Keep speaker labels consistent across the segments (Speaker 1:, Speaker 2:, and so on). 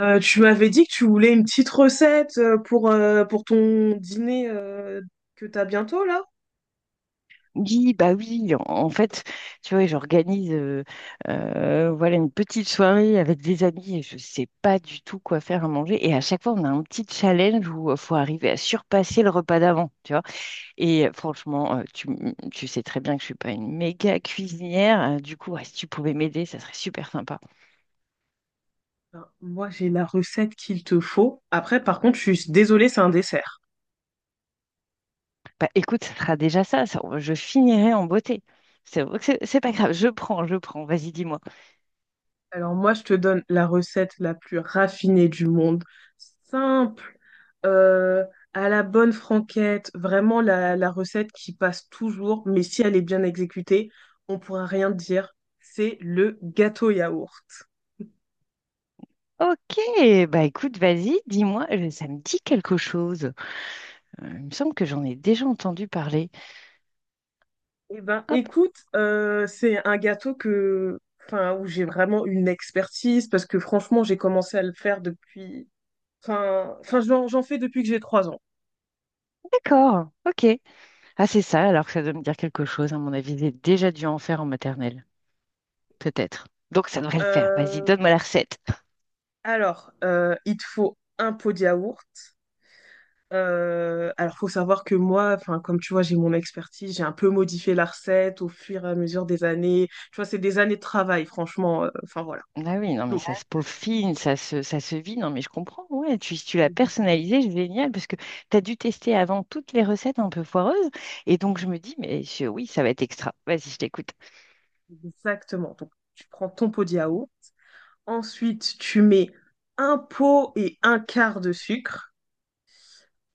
Speaker 1: Tu m'avais dit que tu voulais une petite recette pour ton dîner que t'as bientôt là?
Speaker 2: Oui, bah oui, en fait, tu vois, j'organise, voilà une petite soirée avec des amis et je sais pas du tout quoi faire à manger. Et à chaque fois, on a un petit challenge où il faut arriver à surpasser le repas d'avant, tu vois. Et, franchement, tu sais très bien que je suis pas une méga cuisinière. Du coup, ouais, si tu pouvais m'aider, ça serait super sympa.
Speaker 1: Ben, moi j'ai la recette qu'il te faut. Après par contre je suis désolée, c'est un dessert.
Speaker 2: Bah écoute, ça sera déjà ça, je finirai en beauté. C'est vrai que c'est pas grave, vas-y, dis-moi.
Speaker 1: Alors moi je te donne la recette la plus raffinée du monde. Simple, euh, à la bonne franquette, vraiment la recette qui passe toujours, mais si elle est bien exécutée, on pourra rien dire. C'est le gâteau yaourt.
Speaker 2: Ok, bah écoute, vas-y, dis-moi, ça me dit quelque chose. Il me semble que j'en ai déjà entendu parler.
Speaker 1: Eh ben,
Speaker 2: Hop,
Speaker 1: écoute, c'est un gâteau que, enfin, où j'ai vraiment une expertise parce que franchement, j'ai commencé à le faire depuis, enfin, j'en fais depuis que j'ai 3 ans.
Speaker 2: d'accord, ok. Ah, c'est ça, alors que ça doit me dire quelque chose. À mon avis, j'ai déjà dû en faire en maternelle, peut-être. Donc, ça devrait le faire. Vas-y,
Speaker 1: Euh,
Speaker 2: donne-moi la recette.
Speaker 1: il te faut un pot de yaourt. Alors, faut savoir que moi, enfin, comme tu vois, j'ai mon expertise, j'ai un peu modifié la recette au fur et à mesure des années. Tu vois, c'est des années de travail, franchement. Enfin, voilà.
Speaker 2: Ah oui, non, mais ça se peaufine, ça se vit. Non, mais je comprends. Ouais, si tu l'as personnalisé, c'est génial, parce que tu as dû tester avant toutes les recettes un peu foireuses. Et donc, je me dis, mais oui, ça va être extra. Vas-y, je t'écoute.
Speaker 1: Exactement. Donc, tu prends ton pot de yaourt. Ensuite, tu mets un pot et un quart de sucre,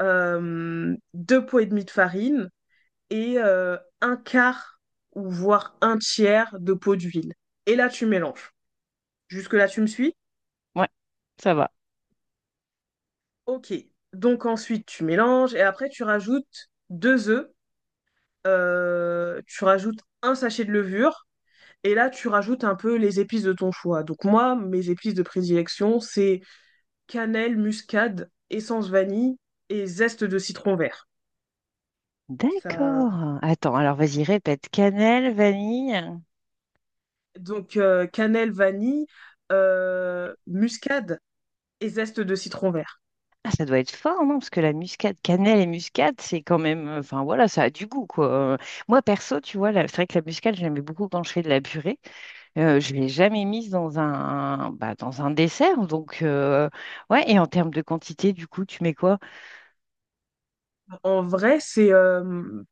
Speaker 1: deux pots et demi de farine et un quart ou voire un tiers de pot d'huile. Et là, tu mélanges. Jusque-là, tu me suis?
Speaker 2: Ouais, ça va.
Speaker 1: Ok. Donc ensuite, tu mélanges et après, tu rajoutes deux œufs, tu rajoutes un sachet de levure et là, tu rajoutes un peu les épices de ton choix. Donc moi, mes épices de prédilection, c'est cannelle, muscade, essence vanille et zeste de citron vert. Ça...
Speaker 2: D'accord. Attends, alors vas-y, répète. Cannelle, vanille.
Speaker 1: Donc cannelle, vanille, muscade et zeste de citron vert.
Speaker 2: Ah, ça doit être fort, non? Parce que la muscade, cannelle et muscade, c'est quand même, enfin, voilà, ça a du goût, quoi. Euh, Moi, perso, tu vois, c'est vrai que la muscade, j'aimais beaucoup quand je fais de la purée. Je ne l'ai jamais mise dans un, bah, dans un dessert. Donc, ouais, et en termes de quantité, du coup, tu mets quoi?
Speaker 1: En vrai, c'est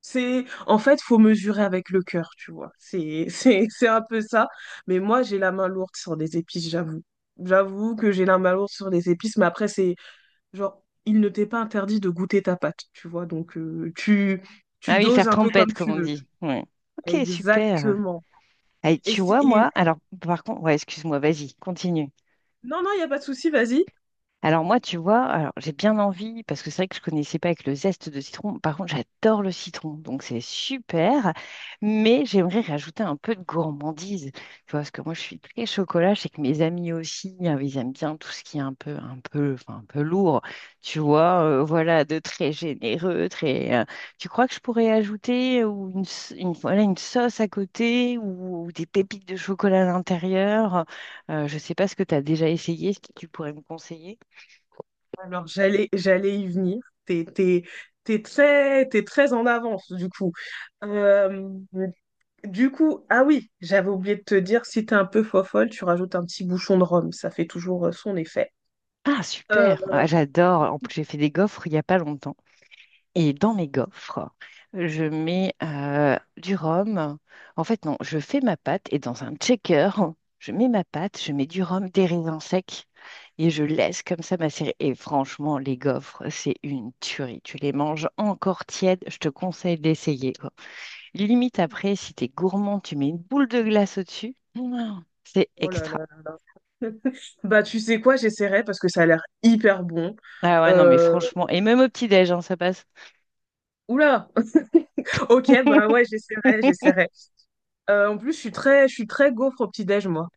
Speaker 1: c'est, en fait, faut mesurer avec le cœur, tu vois. C'est un peu ça. Mais moi, j'ai la main lourde sur les épices, j'avoue. J'avoue que j'ai la main lourde sur les épices, mais après, c'est genre, il ne t'est pas interdit de goûter ta pâte, tu vois. Donc, tu
Speaker 2: Ah oui, faire
Speaker 1: doses un peu comme
Speaker 2: trempette, comme
Speaker 1: tu
Speaker 2: on
Speaker 1: veux.
Speaker 2: dit. Ouais. Ok, super.
Speaker 1: Exactement.
Speaker 2: Allez,
Speaker 1: Et,
Speaker 2: tu vois, moi, alors, par contre, ouais, excuse-moi, vas-y, continue.
Speaker 1: non, non, il n'y a pas de souci, vas-y.
Speaker 2: Alors moi, tu vois, alors j'ai bien envie, parce que c'est vrai que je connaissais pas avec le zeste de citron. Par contre, j'adore le citron, donc c'est super. Mais j'aimerais rajouter un peu de gourmandise. Tu vois, parce que moi, je suis très chocolat. Je sais que mes amis aussi, ils aiment bien tout ce qui est enfin, un peu lourd. Tu vois, voilà, de très généreux, très. Tu crois que je pourrais ajouter, une, voilà, une sauce à côté, ou des pépites de chocolat à l'intérieur? Je sais pas ce que tu as déjà essayé, ce que tu pourrais me conseiller.
Speaker 1: Alors, j'allais y venir. T'es, t'es, t'es très en avance, du coup. Euh, Du coup, ah oui, j'avais oublié de te dire, si t'es un peu fofolle, tu rajoutes un petit bouchon de rhum, ça fait toujours son effet.
Speaker 2: Ah,
Speaker 1: Euh,
Speaker 2: super! Ah, j'adore. En plus, j'ai fait des gaufres il n'y a pas longtemps. Et dans mes gaufres, je mets, du rhum. En fait, non, je fais ma pâte et dans un checker, je mets ma pâte, je mets du rhum, des raisins secs, et je laisse comme ça macérer. Et franchement, les gaufres, c'est une tuerie. Tu les manges encore tièdes, je te conseille d'essayer, quoi. Limite après, si t'es gourmand, tu mets une boule de glace au-dessus. Mouah, c'est
Speaker 1: oh là là
Speaker 2: extra.
Speaker 1: là là. Bah tu sais quoi, j'essaierai parce que ça a l'air hyper bon.
Speaker 2: Ah ouais, non, mais
Speaker 1: Euh,
Speaker 2: franchement, et même au petit-déj, hein, ça passe.
Speaker 1: Oula! Ok, bah ouais, j'essaierai. En plus, je suis très gaufre au petit-déj, moi.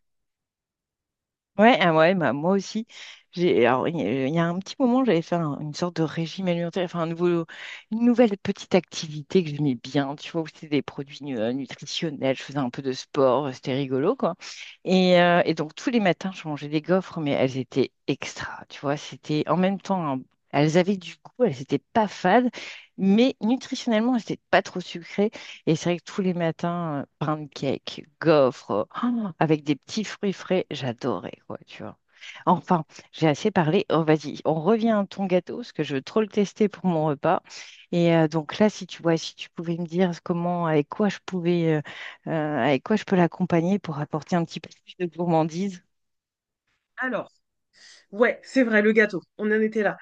Speaker 2: Ouais, ah ouais, bah, moi aussi. J'ai, alors, il y a un petit moment, j'avais fait une sorte de régime alimentaire, enfin, un nouveau, une nouvelle petite activité que j'aimais bien, tu vois, où c'était des produits nutritionnels, je faisais un peu de sport, c'était rigolo, quoi. Et donc, tous les matins, je mangeais des gaufres, mais elles étaient extra, tu vois, c'était en même temps, elles avaient du goût, elles n'étaient pas fades, mais nutritionnellement, elles n'étaient pas trop sucrées. Et c'est vrai que tous les matins, pancakes, gaufres, avec des petits fruits frais, j'adorais, quoi, tu vois. Enfin, j'ai assez parlé. Oh, vas-y, on revient à ton gâteau, parce que je veux trop le tester pour mon repas. Et donc là, si tu vois, si tu pouvais me dire comment, avec quoi je pouvais, avec quoi je peux l'accompagner pour apporter un petit peu plus de gourmandise.
Speaker 1: Alors. Ouais, c'est vrai, le gâteau. On en était là.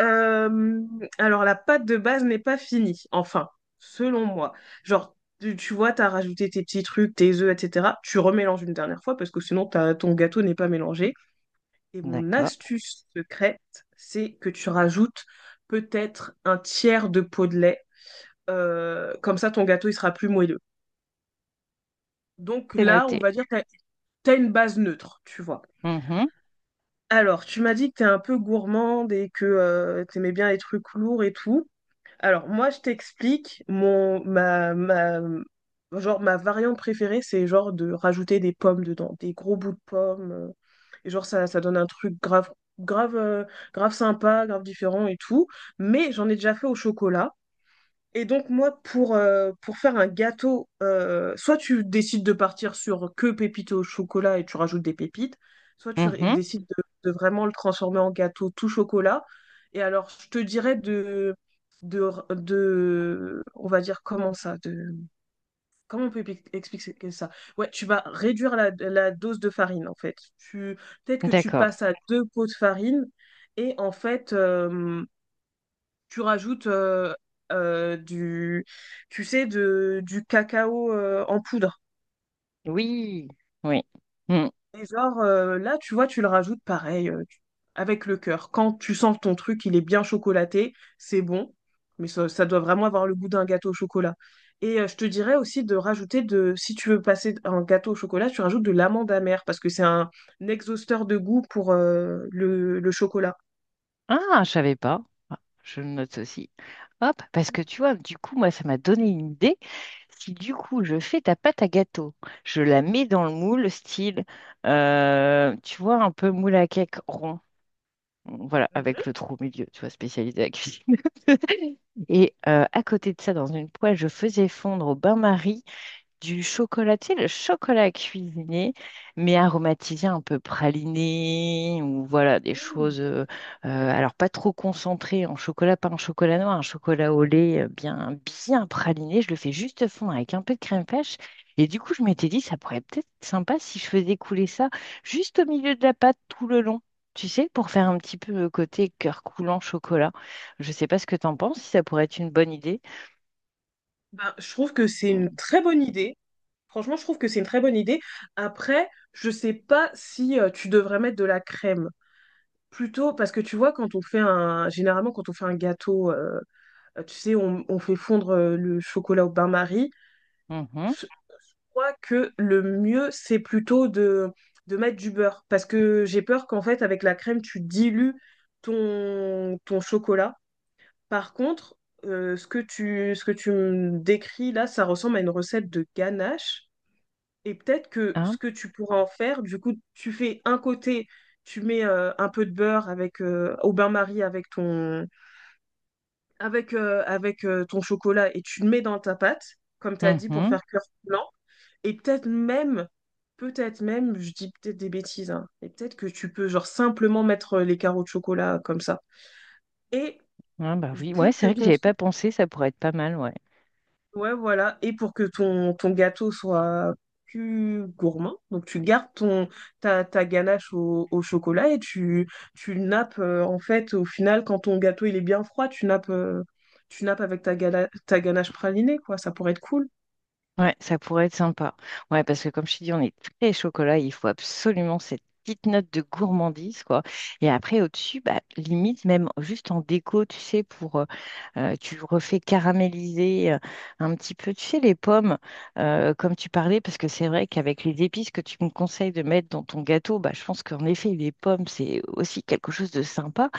Speaker 1: Euh, alors, la pâte de base n'est pas finie, enfin, selon moi. Genre, tu vois, t'as rajouté tes petits trucs, tes œufs, etc. Tu remélanges une dernière fois parce que sinon, t'as- ton gâteau n'est pas mélangé. Et mon
Speaker 2: D'accord,
Speaker 1: astuce secrète, c'est que tu rajoutes peut-être un tiers de pot de lait. Comme ça, ton gâteau, il sera plus moelleux. Donc
Speaker 2: c'est
Speaker 1: là, on
Speaker 2: noté.
Speaker 1: va dire que t'as une base neutre, tu vois.
Speaker 2: Mhm,
Speaker 1: Alors, tu m'as dit que t'es un peu gourmande et que tu t'aimais bien les trucs lourds et tout. Alors, moi, je t'explique, mon ma, ma genre ma variante préférée, c'est genre de rajouter des pommes dedans, des gros bouts de pommes. Et genre, ça donne un truc grave, grave, euh, grave sympa, grave différent et tout. Mais j'en ai déjà fait au chocolat. Et donc, moi, pour faire un gâteau, soit tu décides de partir sur que pépites au chocolat et tu rajoutes des pépites, soit tu
Speaker 2: mhm,
Speaker 1: décides de vraiment le transformer en gâteau tout chocolat. Et alors, je te dirais de, on va dire comment ça, de, comment on peut expliquer ça? Ouais, tu vas réduire la dose de farine, en fait. Tu, peut-être que tu
Speaker 2: d'accord.
Speaker 1: passes à deux pots de farine et en fait, tu rajoutes euh, du, tu sais, du cacao en poudre.
Speaker 2: Oui, oui. Mmh.
Speaker 1: Et genre, là, tu vois, tu le rajoutes pareil, avec le cœur. Quand tu sens ton truc, il est bien chocolaté, c'est bon, mais ça doit vraiment avoir le goût d'un gâteau au chocolat. Et je te dirais aussi de rajouter de, si tu veux passer un gâteau au chocolat, tu rajoutes de l'amande amère, parce que c'est un exhausteur de goût pour le chocolat.
Speaker 2: Ah, je savais pas. Ah, je le note aussi. Hop, parce que tu vois, du coup, moi, ça m'a donné une idée. Si du coup, je fais ta pâte à gâteau, je la mets dans le moule, style, tu vois, un peu moule à cake rond, voilà,
Speaker 1: Mhm.
Speaker 2: avec le trou au milieu, tu vois, spécialisé à la cuisine. Et à côté de ça, dans une poêle, je faisais fondre au bain-marie du chocolat, tu sais, le chocolat cuisiné, mais aromatisé un peu praliné, ou voilà, des
Speaker 1: Mm.
Speaker 2: choses, alors pas trop concentrées en chocolat, pas un chocolat noir, un chocolat au lait, bien, bien praliné. Je le fais juste fondre avec un peu de crème fraîche. Et du coup, je m'étais dit, ça pourrait peut-être être sympa si je faisais couler ça juste au milieu de la pâte tout le long, tu sais, pour faire un petit peu le côté cœur coulant chocolat. Je sais pas ce que t'en penses, si ça pourrait être une bonne idée.
Speaker 1: Ben, je trouve que c'est une très bonne idée. Franchement, je trouve que c'est une très bonne idée. Après, je sais pas si tu devrais mettre de la crème. Plutôt, parce que tu vois, quand on fait un, généralement, quand on fait un gâteau, tu sais, on fait fondre le chocolat au bain-marie.
Speaker 2: Mhm.
Speaker 1: Je crois que le mieux, c'est plutôt de mettre du beurre. Parce que j'ai peur qu'en fait, avec la crème, tu dilues ton chocolat. Par contre, ce que ce que tu me décris là, ça ressemble à une recette de ganache. Et peut-être que ce
Speaker 2: Hein.
Speaker 1: que tu pourras en faire, du coup, tu fais un côté, tu mets un peu de beurre avec au bain-marie avec ton chocolat et tu le mets dans ta pâte, comme tu as dit, pour
Speaker 2: Mhm.
Speaker 1: faire cœur blanc. Et peut-être même, je dis peut-être des bêtises, hein, et peut-être que tu peux genre simplement mettre les carreaux de chocolat comme ça. Et
Speaker 2: Ah bah
Speaker 1: je-
Speaker 2: oui,
Speaker 1: pour
Speaker 2: ouais, c'est
Speaker 1: que
Speaker 2: vrai que j'y
Speaker 1: ton
Speaker 2: avais pas pensé, ça pourrait être pas mal, ouais.
Speaker 1: Ouais, voilà. Et pour que ton gâteau soit plus gourmand, donc tu gardes ta ganache au chocolat et tu nappes, en fait, au final, quand ton gâteau il est bien froid, tu nappes avec ta ganache pralinée, quoi. Ça pourrait être cool.
Speaker 2: Ouais, ça pourrait être sympa. Ouais, parce que comme je te dis, on est très chocolat, il faut absolument cette petite note de gourmandise, quoi. Et après, au-dessus, bah, limite, même juste en déco, tu sais, pour, tu refais caraméliser, un petit peu, tu sais, les pommes, comme tu parlais, parce que c'est vrai qu'avec les épices que tu me conseilles de mettre dans ton gâteau, bah, je pense qu'en effet, les pommes, c'est aussi quelque chose de sympa,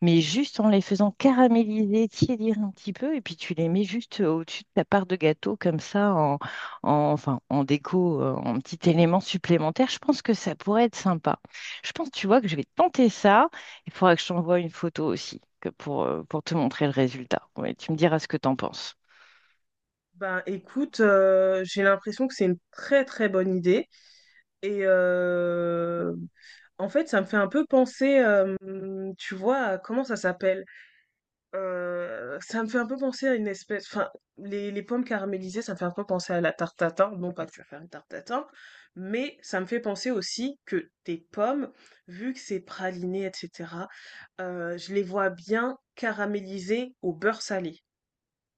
Speaker 2: mais juste en les faisant caraméliser, tiédir un petit peu, et puis tu les mets juste, au-dessus de ta part de gâteau, comme ça, enfin, en déco, en petit élément supplémentaire, je pense que ça pourrait être sympa. Je pense, tu vois, que je vais tenter ça. Il faudra que je t'envoie une photo aussi que pour te montrer le résultat. Ouais, tu me diras ce que t'en penses.
Speaker 1: Ben écoute, j'ai l'impression que c'est une très très bonne idée. Et en fait, ça me fait un peu penser, tu vois, comment ça s'appelle? Ça me fait un peu penser à une espèce, enfin, les pommes caramélisées, ça me fait un peu penser à la tarte tatin. Bon, pas que je vais faire une tarte tatin, mais ça me fait penser aussi que tes pommes, vu que c'est praliné, etc., je les vois bien caramélisées au beurre salé.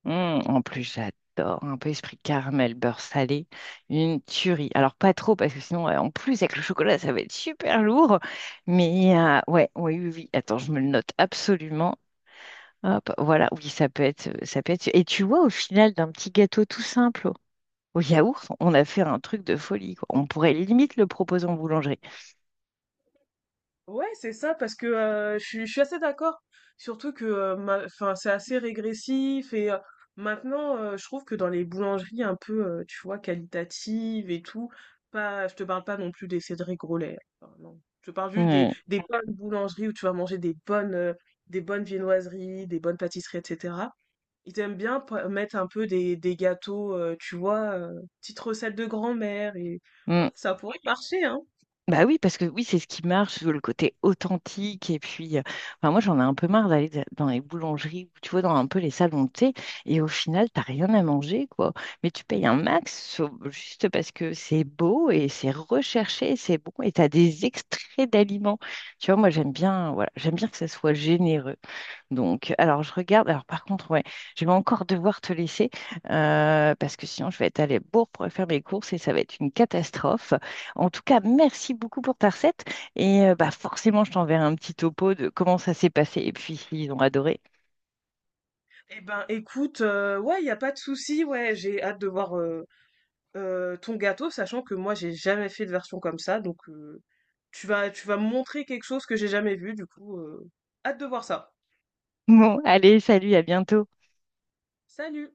Speaker 2: En plus, j'adore un peu esprit caramel, beurre salé, une tuerie. Alors, pas trop, parce que sinon, en plus, avec le chocolat, ça va être super lourd. Mais ouais, oui, oui, oui. Attends, je me le note absolument. Hop, voilà, oui, ça peut être. Et tu vois, au final, d'un petit gâteau tout simple. Au yaourt, on a fait un truc de folie, quoi. On pourrait limite le proposer en boulangerie.
Speaker 1: Ouais, c'est ça, parce que je suis assez d'accord. Surtout que enfin, c'est assez régressif et maintenant, je trouve que dans les boulangeries un peu, tu vois, qualitatives et tout, pas, je te parle pas non plus des Cédric Grolet. Hein, enfin, non. Je te parle juste
Speaker 2: Mm,
Speaker 1: des bonnes boulangeries où tu vas manger des bonnes viennoiseries, des bonnes pâtisseries, etc. Ils aiment bien mettre un peu des gâteaux, tu vois, petites recettes de grand-mère et ouais,
Speaker 2: mm.
Speaker 1: ça pourrait marcher, hein.
Speaker 2: Bah oui, parce que oui, c'est ce qui marche, le côté authentique. Et puis, enfin, moi, j'en ai un peu marre d'aller dans les boulangeries, ou tu vois, dans un peu les salons de thé, et au final, t'as rien à manger, quoi. Mais tu payes un max, juste parce que c'est beau et c'est recherché, c'est bon, et t'as des extraits d'aliments. Tu vois, moi, j'aime bien, voilà, j'aime bien que ça soit généreux. Donc, alors je regarde. Alors par contre, ouais, je vais encore devoir te laisser, parce que sinon je vais être à la bourre pour faire mes courses et ça va être une catastrophe. En tout cas, merci beaucoup pour ta recette et, bah forcément je t'enverrai un petit topo de comment ça s'est passé et puis s'ils ont adoré.
Speaker 1: Eh ben, écoute, ouais, y a pas de souci, ouais, j'ai hâte de voir ton gâteau, sachant que moi, j'ai jamais fait de version comme ça, donc tu vas me montrer quelque chose que j'ai jamais vu, du coup, hâte de voir ça.
Speaker 2: Bon, allez, salut, à bientôt.
Speaker 1: Salut!